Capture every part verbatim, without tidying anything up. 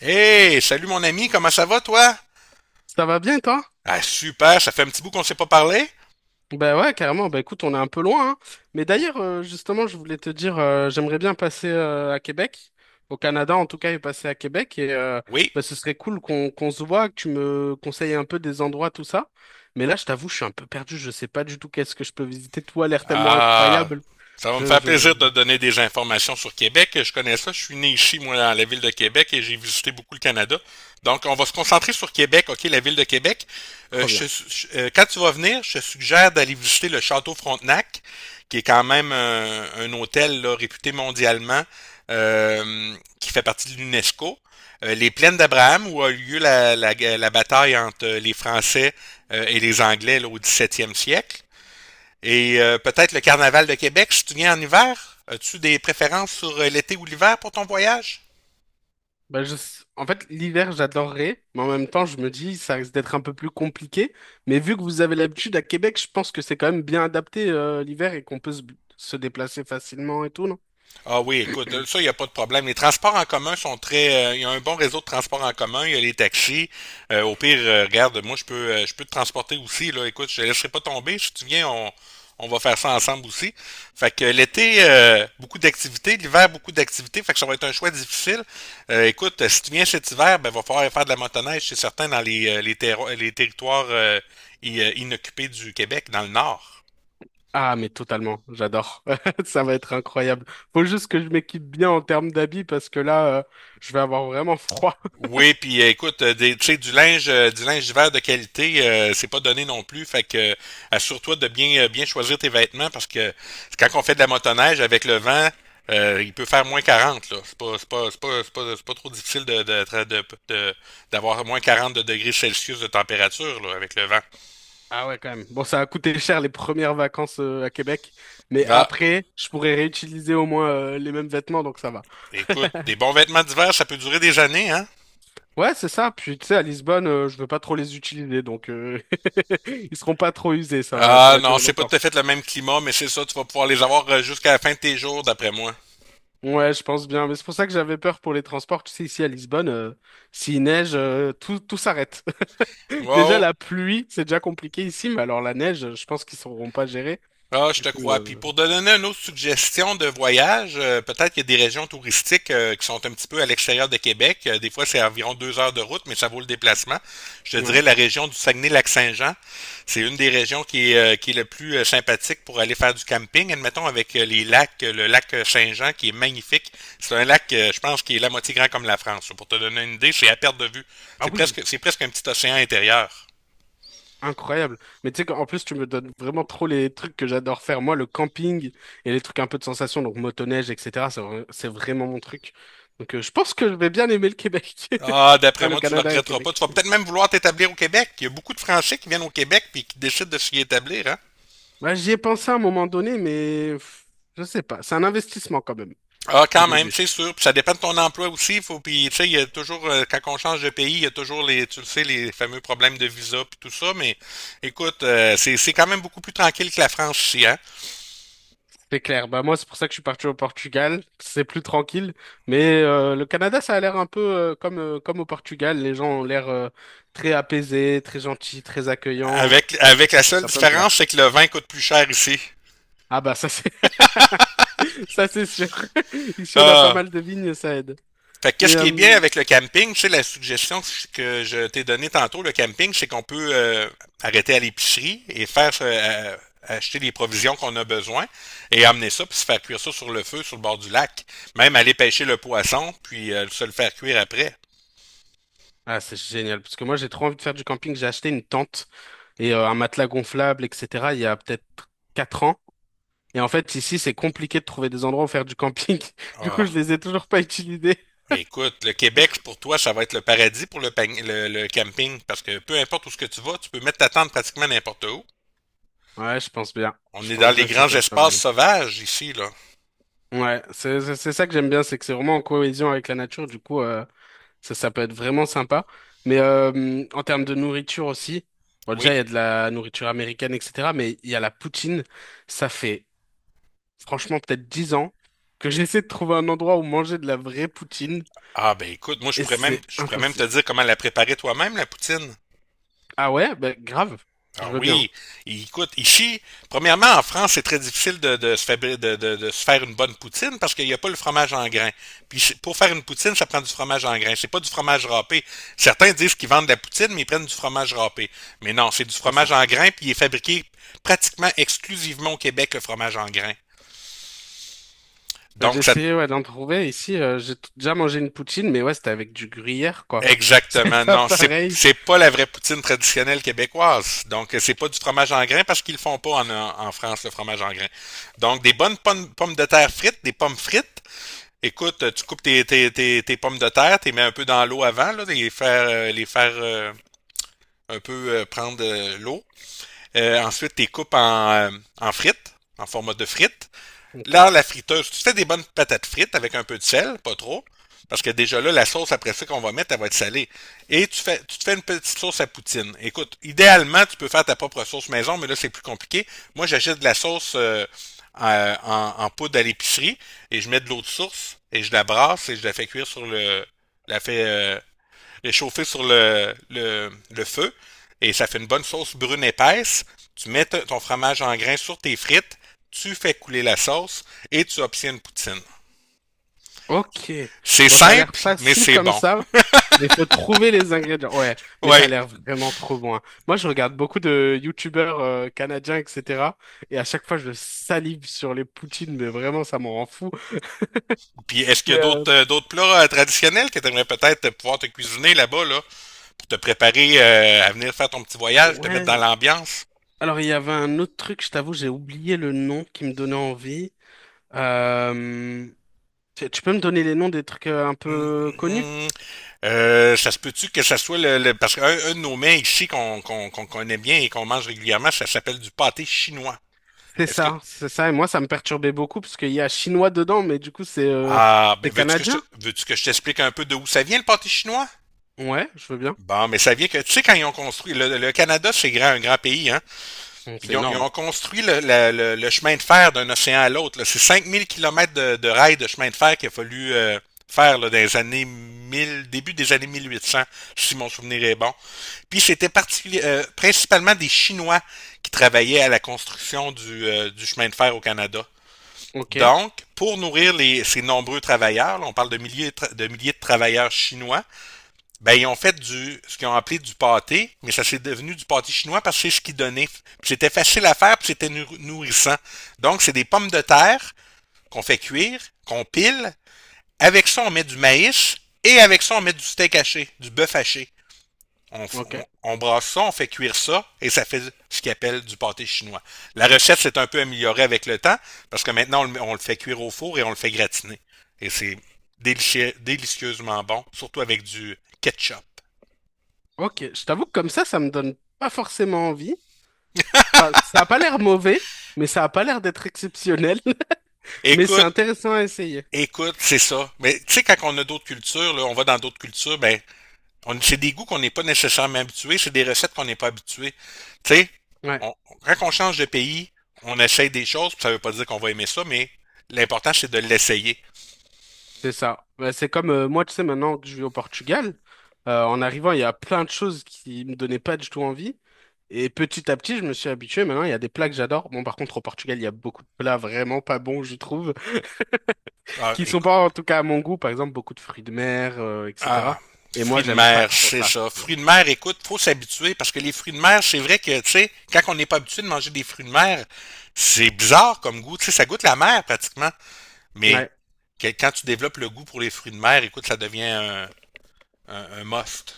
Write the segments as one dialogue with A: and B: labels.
A: Hey, salut mon ami, comment ça va toi?
B: Ça va bien, toi?
A: Ah super, ça fait un petit bout qu'on ne s'est pas parlé?
B: Ben ouais, carrément. Ben écoute, on est un peu loin, hein. Mais d'ailleurs, euh, justement, je voulais te dire, euh, j'aimerais bien passer euh, à Québec, au Canada en tout cas, et passer à Québec. Et euh,
A: Oui.
B: ben, ce serait cool qu'on qu'on se voit, que tu me conseilles un peu des endroits, tout ça. Mais là, je t'avoue, je suis un peu perdu. Je sais pas du tout qu'est-ce que je peux visiter. Tout a l'air tellement
A: Ah,
B: incroyable.
A: ça va me
B: Je,
A: faire plaisir
B: je,
A: de donner des informations sur Québec. Je connais ça. Je suis né ici, moi, dans la ville de Québec et j'ai visité beaucoup le Canada. Donc, on va se concentrer sur Québec, OK, la ville de Québec. Euh,
B: Trop bien.
A: je te su- je- euh, Quand tu vas venir, je te suggère d'aller visiter le Château Frontenac, qui est quand même un, un hôtel là, réputé mondialement, euh, qui fait partie de l'UNESCO. Euh, les plaines d'Abraham, où a eu lieu la, la- la bataille entre les Français euh, et les Anglais là, au dix-septième siècle. Et euh, peut-être le Carnaval de Québec, si tu viens en hiver. As-tu des préférences sur euh, l'été ou l'hiver pour ton voyage?
B: Bah, je... En fait, l'hiver, j'adorerais, mais en même temps, je me dis, ça risque d'être un peu plus compliqué. Mais vu que vous avez l'habitude à Québec, je pense que c'est quand même bien adapté, euh, l'hiver et qu'on peut se se déplacer facilement et tout, non?
A: Ah oui, écoute, euh, ça, il n'y a pas de problème. Les transports en commun sont très. euh, Il y a un bon réseau de transports en commun, il y a les taxis. Euh, au pire, euh, regarde, moi, je peux, euh, je peux te transporter aussi. Là. Écoute, je ne laisserai pas tomber. Si tu viens, on, on va faire ça ensemble aussi. Fait que euh, l'été, euh, beaucoup d'activités. L'hiver, beaucoup d'activités. Fait que ça va être un choix difficile. Euh, écoute, euh, si tu viens cet hiver, ben, va falloir faire de la motoneige, c'est certain, dans les, euh, les, terro- les territoires euh, i- euh, inoccupés du Québec, dans le nord.
B: Ah, mais totalement, j'adore. Ça va être incroyable. Faut juste que je m'équipe bien en termes d'habits parce que là, euh, je vais avoir vraiment froid.
A: Oui, puis euh, écoute, euh, des, tu sais, du linge, euh, du linge d'hiver de qualité, euh, c'est pas donné non plus. Fait que euh, assure-toi de bien, euh, bien choisir tes vêtements parce que quand on fait de la motoneige avec le vent, euh, il peut faire moins quarante là. C'est pas, c'est pas, c'est pas, c'est pas, c'est pas trop difficile de, de, tra- de- de- d'avoir moins quarante de degrés Celsius de température, là, avec le vent.
B: Ah ouais, quand même. Bon, ça a coûté cher les premières vacances, euh, à Québec, mais
A: Ah,
B: après, je pourrais réutiliser au moins, euh, les mêmes vêtements, donc ça va.
A: écoute, des bons vêtements d'hiver, ça peut durer des années, hein?
B: Ouais, c'est ça. Puis tu sais, à Lisbonne, euh, je veux pas trop les utiliser, donc euh, ils seront pas trop usés. Ça, va- ça
A: Ah
B: va
A: non,
B: durer
A: c'est pas tout
B: longtemps.
A: à fait le même climat, mais c'est ça, tu vas pouvoir les avoir euh, jusqu'à la fin de tes jours, d'après moi.
B: Ouais, je pense bien. Mais c'est pour ça que j'avais peur pour les transports. Tu sais, ici à Lisbonne, euh, s'il neige, euh, tout, tout s'arrête. Déjà
A: Ouais.
B: la pluie, c'est déjà compliqué ici, mais alors la neige, je pense qu'ils sauront pas gérer.
A: Ah, je
B: Du
A: te crois. Puis
B: coup,
A: pour te donner une autre suggestion de voyage, euh, peut-être qu'il y a des régions touristiques euh, qui sont un petit peu à l'extérieur de Québec. Euh, des fois, c'est environ deux heures de route, mais ça vaut le déplacement. Je te
B: je- ouais.
A: dirais la région du Saguenay-Lac-Saint-Jean. C'est une des régions qui est, euh, qui est le plus euh, sympathique pour aller faire du camping. Admettons avec euh, les lacs, euh, le lac euh, Saint-Jean qui est magnifique. C'est un lac, euh, je pense, qui est la moitié grand comme la France. Pour te donner une idée, c'est à perte de vue.
B: Ah
A: C'est
B: oui,
A: presque, c'est presque un petit océan intérieur.
B: incroyable. Mais tu sais qu'en plus, tu me donnes vraiment trop les trucs que j'adore faire. Moi, le camping et les trucs un peu de sensation, donc motoneige, et cetera. C'est vra- c'est vraiment mon truc. Donc, euh, je pense que je vais bien aimer le Québec.
A: Ah,
B: Ah,
A: d'après
B: le
A: moi, tu le
B: Canada et
A: regretteras pas.
B: Québec.
A: Tu vas peut-être même vouloir t'établir au Québec. Il y a beaucoup de Français qui viennent au Québec puis qui décident de s'y établir, hein?
B: Bah, j'y ai pensé à un moment donné, mais pff, je sais pas. C'est un investissement quand même,
A: Ah,
B: au
A: quand même,
B: début.
A: c'est sûr. Puis ça dépend de ton emploi aussi. Faut, puis, tu sais, il y a toujours, euh, quand on change de pays, il y a toujours les, tu le sais, les fameux problèmes de visa puis tout ça. Mais écoute, euh, c'est, c'est quand même beaucoup plus tranquille que la France ici, hein?
B: C'est clair. Bah, moi, c'est pour ça que je suis parti au Portugal. C'est plus tranquille. Mais euh, le Canada, ça a l'air un peu euh, comme, euh, comme au Portugal. Les gens ont l'air euh, très apaisés, très gentils, très accueillants.
A: Avec,
B: Donc,
A: avec la
B: Ça
A: seule
B: ça peut me
A: différence,
B: plaire.
A: c'est que le vin coûte plus cher ici.
B: Ah bah ça c'est ça c'est sûr. Ici on a pas
A: Ah,
B: mal de vignes, ça aide.
A: fait que
B: Mais
A: qu'est-ce qui est
B: euh,
A: bien avec le camping, tu sais, la suggestion que je t'ai donnée tantôt, le camping, c'est qu'on peut euh, arrêter à l'épicerie et faire euh, euh, acheter les provisions qu'on a besoin et amener ça, puis se faire cuire ça sur le feu, sur le bord du lac. Même aller pêcher le poisson, puis euh, se le faire cuire après.
B: ah c'est génial parce que moi j'ai trop envie de faire du camping. J'ai acheté une tente et euh, un matelas gonflable, et cetera. Il y a peut-être quatre ans. Et en fait, ici, c'est compliqué de trouver des endroits où faire du camping. Du coup,
A: Oh,
B: je les ai toujours pas utilisés.
A: écoute, le Québec, pour toi, ça va être le paradis pour le, pang- le, le camping, parce que peu importe où ce que tu vas, tu peux mettre ta tente pratiquement n'importe où.
B: Ouais, je pense bien.
A: On
B: Je
A: est dans
B: pense
A: les
B: bien que ça
A: grands
B: peut être pas
A: espaces
B: mal.
A: sauvages ici, là.
B: Ouais, c'est c'est c'est ça que j'aime bien, c'est que c'est vraiment en cohésion avec la nature. Du coup, euh, ça ça peut être vraiment sympa. Mais euh, en termes de nourriture aussi, bon déjà
A: Oui.
B: il y a de la nourriture américaine, et cetera. Mais il y a la poutine. Ça fait franchement peut-être dix ans que j'essaie de trouver un endroit où manger de la vraie poutine
A: Ah ben écoute, moi je
B: et
A: pourrais même
B: c'est
A: je pourrais même te
B: impossible.
A: dire comment la préparer toi-même, la poutine.
B: Ah ouais, bah, grave, je
A: Ah
B: veux bien,
A: oui, Il- écoute, ici, premièrement, en France, c'est très difficile de, de se fabri- de, de- de se faire une bonne poutine parce qu'il n'y a pas le fromage en grains. Puis c'est- pour faire une poutine, ça prend du fromage en grains. C'est pas du fromage râpé. Certains disent qu'ils vendent de la poutine, mais ils prennent du fromage râpé. Mais non, c'est du
B: c'est
A: fromage
B: ça.
A: en grains, puis il est fabriqué pratiquement exclusivement au Québec, le fromage en grains.
B: Bah, j'ai
A: Donc, ça
B: essayé ouais, d'en trouver ici, euh, j'ai t- déjà mangé une poutine, mais ouais, c'était avec du gruyère, quoi.
A: Exactement.
B: C'est pas
A: Non, c'est
B: pareil.
A: c'est pas la vraie poutine traditionnelle québécoise. Donc euh, c'est pas du fromage en grain parce qu'ils le font pas en, en France le fromage en grain. Donc des bonnes pommes, pommes de terre frites, des pommes frites. Écoute, euh, tu coupes tes, tes, tes, tes pommes de terre, t'es mets un peu dans l'eau avant là, les faire euh, les faire euh, un peu euh, prendre euh, l'eau. Euh, ensuite, t'es coupes en euh, en frites, en format de frites.
B: Ok.
A: Là, la friteuse, tu fais des bonnes patates frites avec un peu de sel, pas trop, parce que déjà là, la sauce après ça qu'on va mettre, elle va être salée. Et tu, fais, tu te fais une petite sauce à poutine. Écoute, idéalement, tu peux faire ta propre sauce maison, mais là, c'est plus compliqué. Moi, j'achète de la sauce euh, en, en, en poudre à l'épicerie et je mets de l'eau de source et je la brasse et je la fais cuire sur le. La fais euh, réchauffer sur le, le, le feu et ça fait une bonne sauce brune épaisse. Tu mets ton fromage en grains sur tes frites, tu fais couler la sauce et tu obtiens une poutine.
B: Ok.
A: C'est
B: Bon, ça a l'air
A: simple, mais
B: facile
A: c'est
B: comme
A: bon.
B: ça, mais il faut trouver les ingrédients. Ouais, mais ça a
A: Ouais.
B: l'air vraiment trop bon, hein. Moi, je regarde beaucoup de youtubeurs euh, canadiens, et cetera. Et à chaque fois, je salive sur les poutines, mais vraiment, ça m'en rend fou.
A: Puis est-ce qu'il y a
B: Mais euh,
A: d'autres euh, d'autres plats euh, traditionnels que tu aimerais peut-être pouvoir te cuisiner là-bas là pour te préparer euh, à venir faire ton petit voyage, te mettre dans
B: ouais.
A: l'ambiance?
B: Alors, il y avait un autre truc, je t'avoue, j'ai oublié le nom qui me donnait envie. Euh, tu tu peux me donner les noms des trucs euh, un
A: Mm,
B: peu connus?
A: mm, euh, Ça se peut-tu que ça soit le, le- parce qu'un un de nos mets ici qu'on qu'on qu'on connaît bien et qu'on mange régulièrement, ça s'appelle du pâté chinois.
B: C'est
A: Est-ce que
B: ça, c'est ça. Et moi, ça me perturbait beaucoup parce qu'il y a chinois dedans, mais du coup, c'est euh,
A: ah ben
B: c'est
A: veux-tu que je
B: canadien.
A: te- veux-tu que je t'explique un peu de où ça vient le pâté chinois?
B: Ouais, je veux bien.
A: Bon, mais ça vient que tu sais quand ils ont construit le, le Canada, c'est grand, un grand pays, hein.
B: Bon,
A: Puis
B: c'est
A: ils ont, ils
B: énorme.
A: ont construit le, la- le- le chemin de fer d'un océan à l'autre là. C'est cinq mille kilomètres de, de rails de chemin de fer qu'il a fallu euh, faire là, dans les années mille, début des années mille huit cents, si mon souvenir est bon. Puis c'était particuli- euh, principalement des Chinois qui travaillaient à la construction du, euh, du chemin de fer au Canada.
B: Ok,
A: Donc, pour nourrir les, ces nombreux travailleurs, là, on parle de milliers de, tra- de milliers de travailleurs chinois, ben, ils ont fait du, ce qu'ils ont appelé du pâté, mais ça s'est devenu du pâté chinois parce que c'est ce qu'ils donnaient. Puis C'était facile à faire, puis c'était nourrissant. Donc, c'est des pommes de terre qu'on fait cuire, qu'on pile. Avec ça, on met du maïs et avec ça, on met du steak haché, du bœuf haché. On, f-
B: ok,
A: on- on brasse ça, on fait cuire ça et ça fait ce qu'ils appellent du pâté chinois. La recette s'est un peu améliorée avec le temps parce que maintenant, on le, on le fait cuire au four et on le fait gratiner. Et c'est délicie- délicieusement bon, surtout avec du ketchup.
B: ok. Je t'avoue que comme ça, ça me donne pas forcément envie. Enfin, ça a pas l'air mauvais, mais ça a pas l'air d'être exceptionnel. Mais c'est
A: Écoute,
B: intéressant à essayer.
A: écoute, c'est ça. Mais tu sais, quand on a d'autres cultures, là, on va dans d'autres cultures, ben, on, c'est des goûts qu'on n'est pas nécessairement habitués, c'est des recettes qu'on n'est pas habitué. Tu sais,
B: Ouais.
A: on- quand on change de pays, on essaye des choses, puis ça veut pas dire qu'on va aimer ça, mais l'important, c'est de l'essayer.
B: C'est ça. Bah, c'est comme euh, moi, tu sais, maintenant que je vis au Portugal, euh, en arrivant, il y a plein de choses qui me donnaient pas du tout envie. Et petit à petit, je me suis habitué. Maintenant, il y a des plats que j'adore. Bon, par contre, au Portugal, il y a beaucoup de plats vraiment pas bons, je trouve,
A: Ah,
B: qui sont
A: écoute,
B: pas en tout cas à mon goût. Par exemple, beaucoup de fruits de mer, euh,
A: ah,
B: et cetera. Et
A: fruits
B: moi,
A: de
B: j'aime pas
A: mer,
B: trop
A: c'est
B: ça,
A: ça.
B: tu
A: Fruits
B: vois.
A: de mer, écoute, faut s'habituer, parce que les fruits de mer, c'est vrai que, tu sais, quand on n'est pas habitué de manger des fruits de mer, c'est bizarre comme goût, tu sais, ça goûte la mer, pratiquement. Mais
B: Ouais.
A: que- quand tu développes le goût pour les fruits de mer, écoute, ça devient un, un- un must.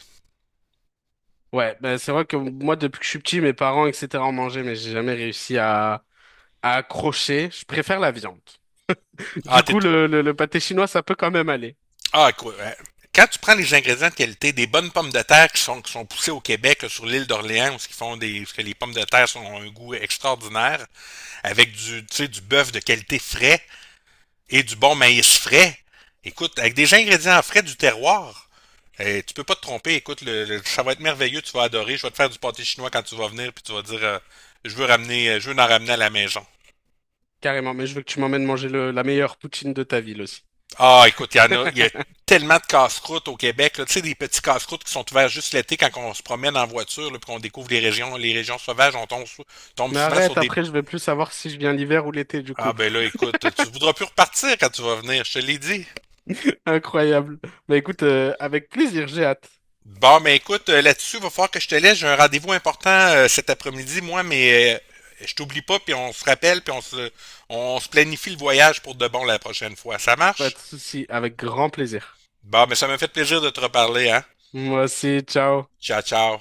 B: Ouais. Ben c'est vrai que moi, depuis que je suis petit, mes parents, et cetera, en mangeaient, mais j'ai jamais réussi à, à accrocher. Je préfère la viande.
A: Ah,
B: Du coup,
A: t'es-
B: le, le, le pâté chinois, ça peut quand même aller.
A: ah, quoi, hein. Quand tu prends les ingrédients de qualité, des bonnes pommes de terre qui sont, qui sont poussées au Québec, là, sur l'île d'Orléans, où ce qu'ils font des, parce que les pommes de terre sont- ont un goût extraordinaire, avec du, tu sais, du bœuf de qualité frais et du bon maïs frais. Écoute, avec des ingrédients frais du terroir, euh, tu peux pas te tromper. Écoute, le- le- ça va être merveilleux, tu vas adorer. Je vais te faire du pâté chinois quand tu vas venir, puis tu vas dire, euh, je veux ramener, je veux en ramener à la maison.
B: Carrément, mais je veux que tu m'emmènes manger le- la meilleure poutine de ta ville aussi.
A: Ah, écoute, il y en a, il y a tellement de casse-croûtes au Québec là. Tu sais, des petits casse-croûtes qui sont ouverts juste l'été quand on se promène en voiture, là, puis qu'on découvre les régions, les régions sauvages, on tombe, sou- tombe
B: Mais
A: souvent sur
B: arrête,
A: des.
B: après je vais plus savoir si je viens l'hiver ou l'été du coup.
A: Ah ben là, écoute, tu voudras plus repartir quand tu vas venir, je te l'ai dit.
B: Incroyable. Bah écoute, euh, avec plaisir, j'ai hâte.
A: Bon, ben écoute, euh, là-dessus, il va falloir que je te laisse. J'ai un rendez-vous important euh, cet après-midi, moi, mais euh, je t'oublie pas, puis on se rappelle, puis on se, on se planifie le voyage pour de bon la prochaine fois. Ça
B: Pas
A: marche?
B: de souci, avec grand plaisir.
A: Bon, ben ça m'a fait plaisir de te reparler, hein?
B: Moi aussi, ciao.
A: Ciao, ciao.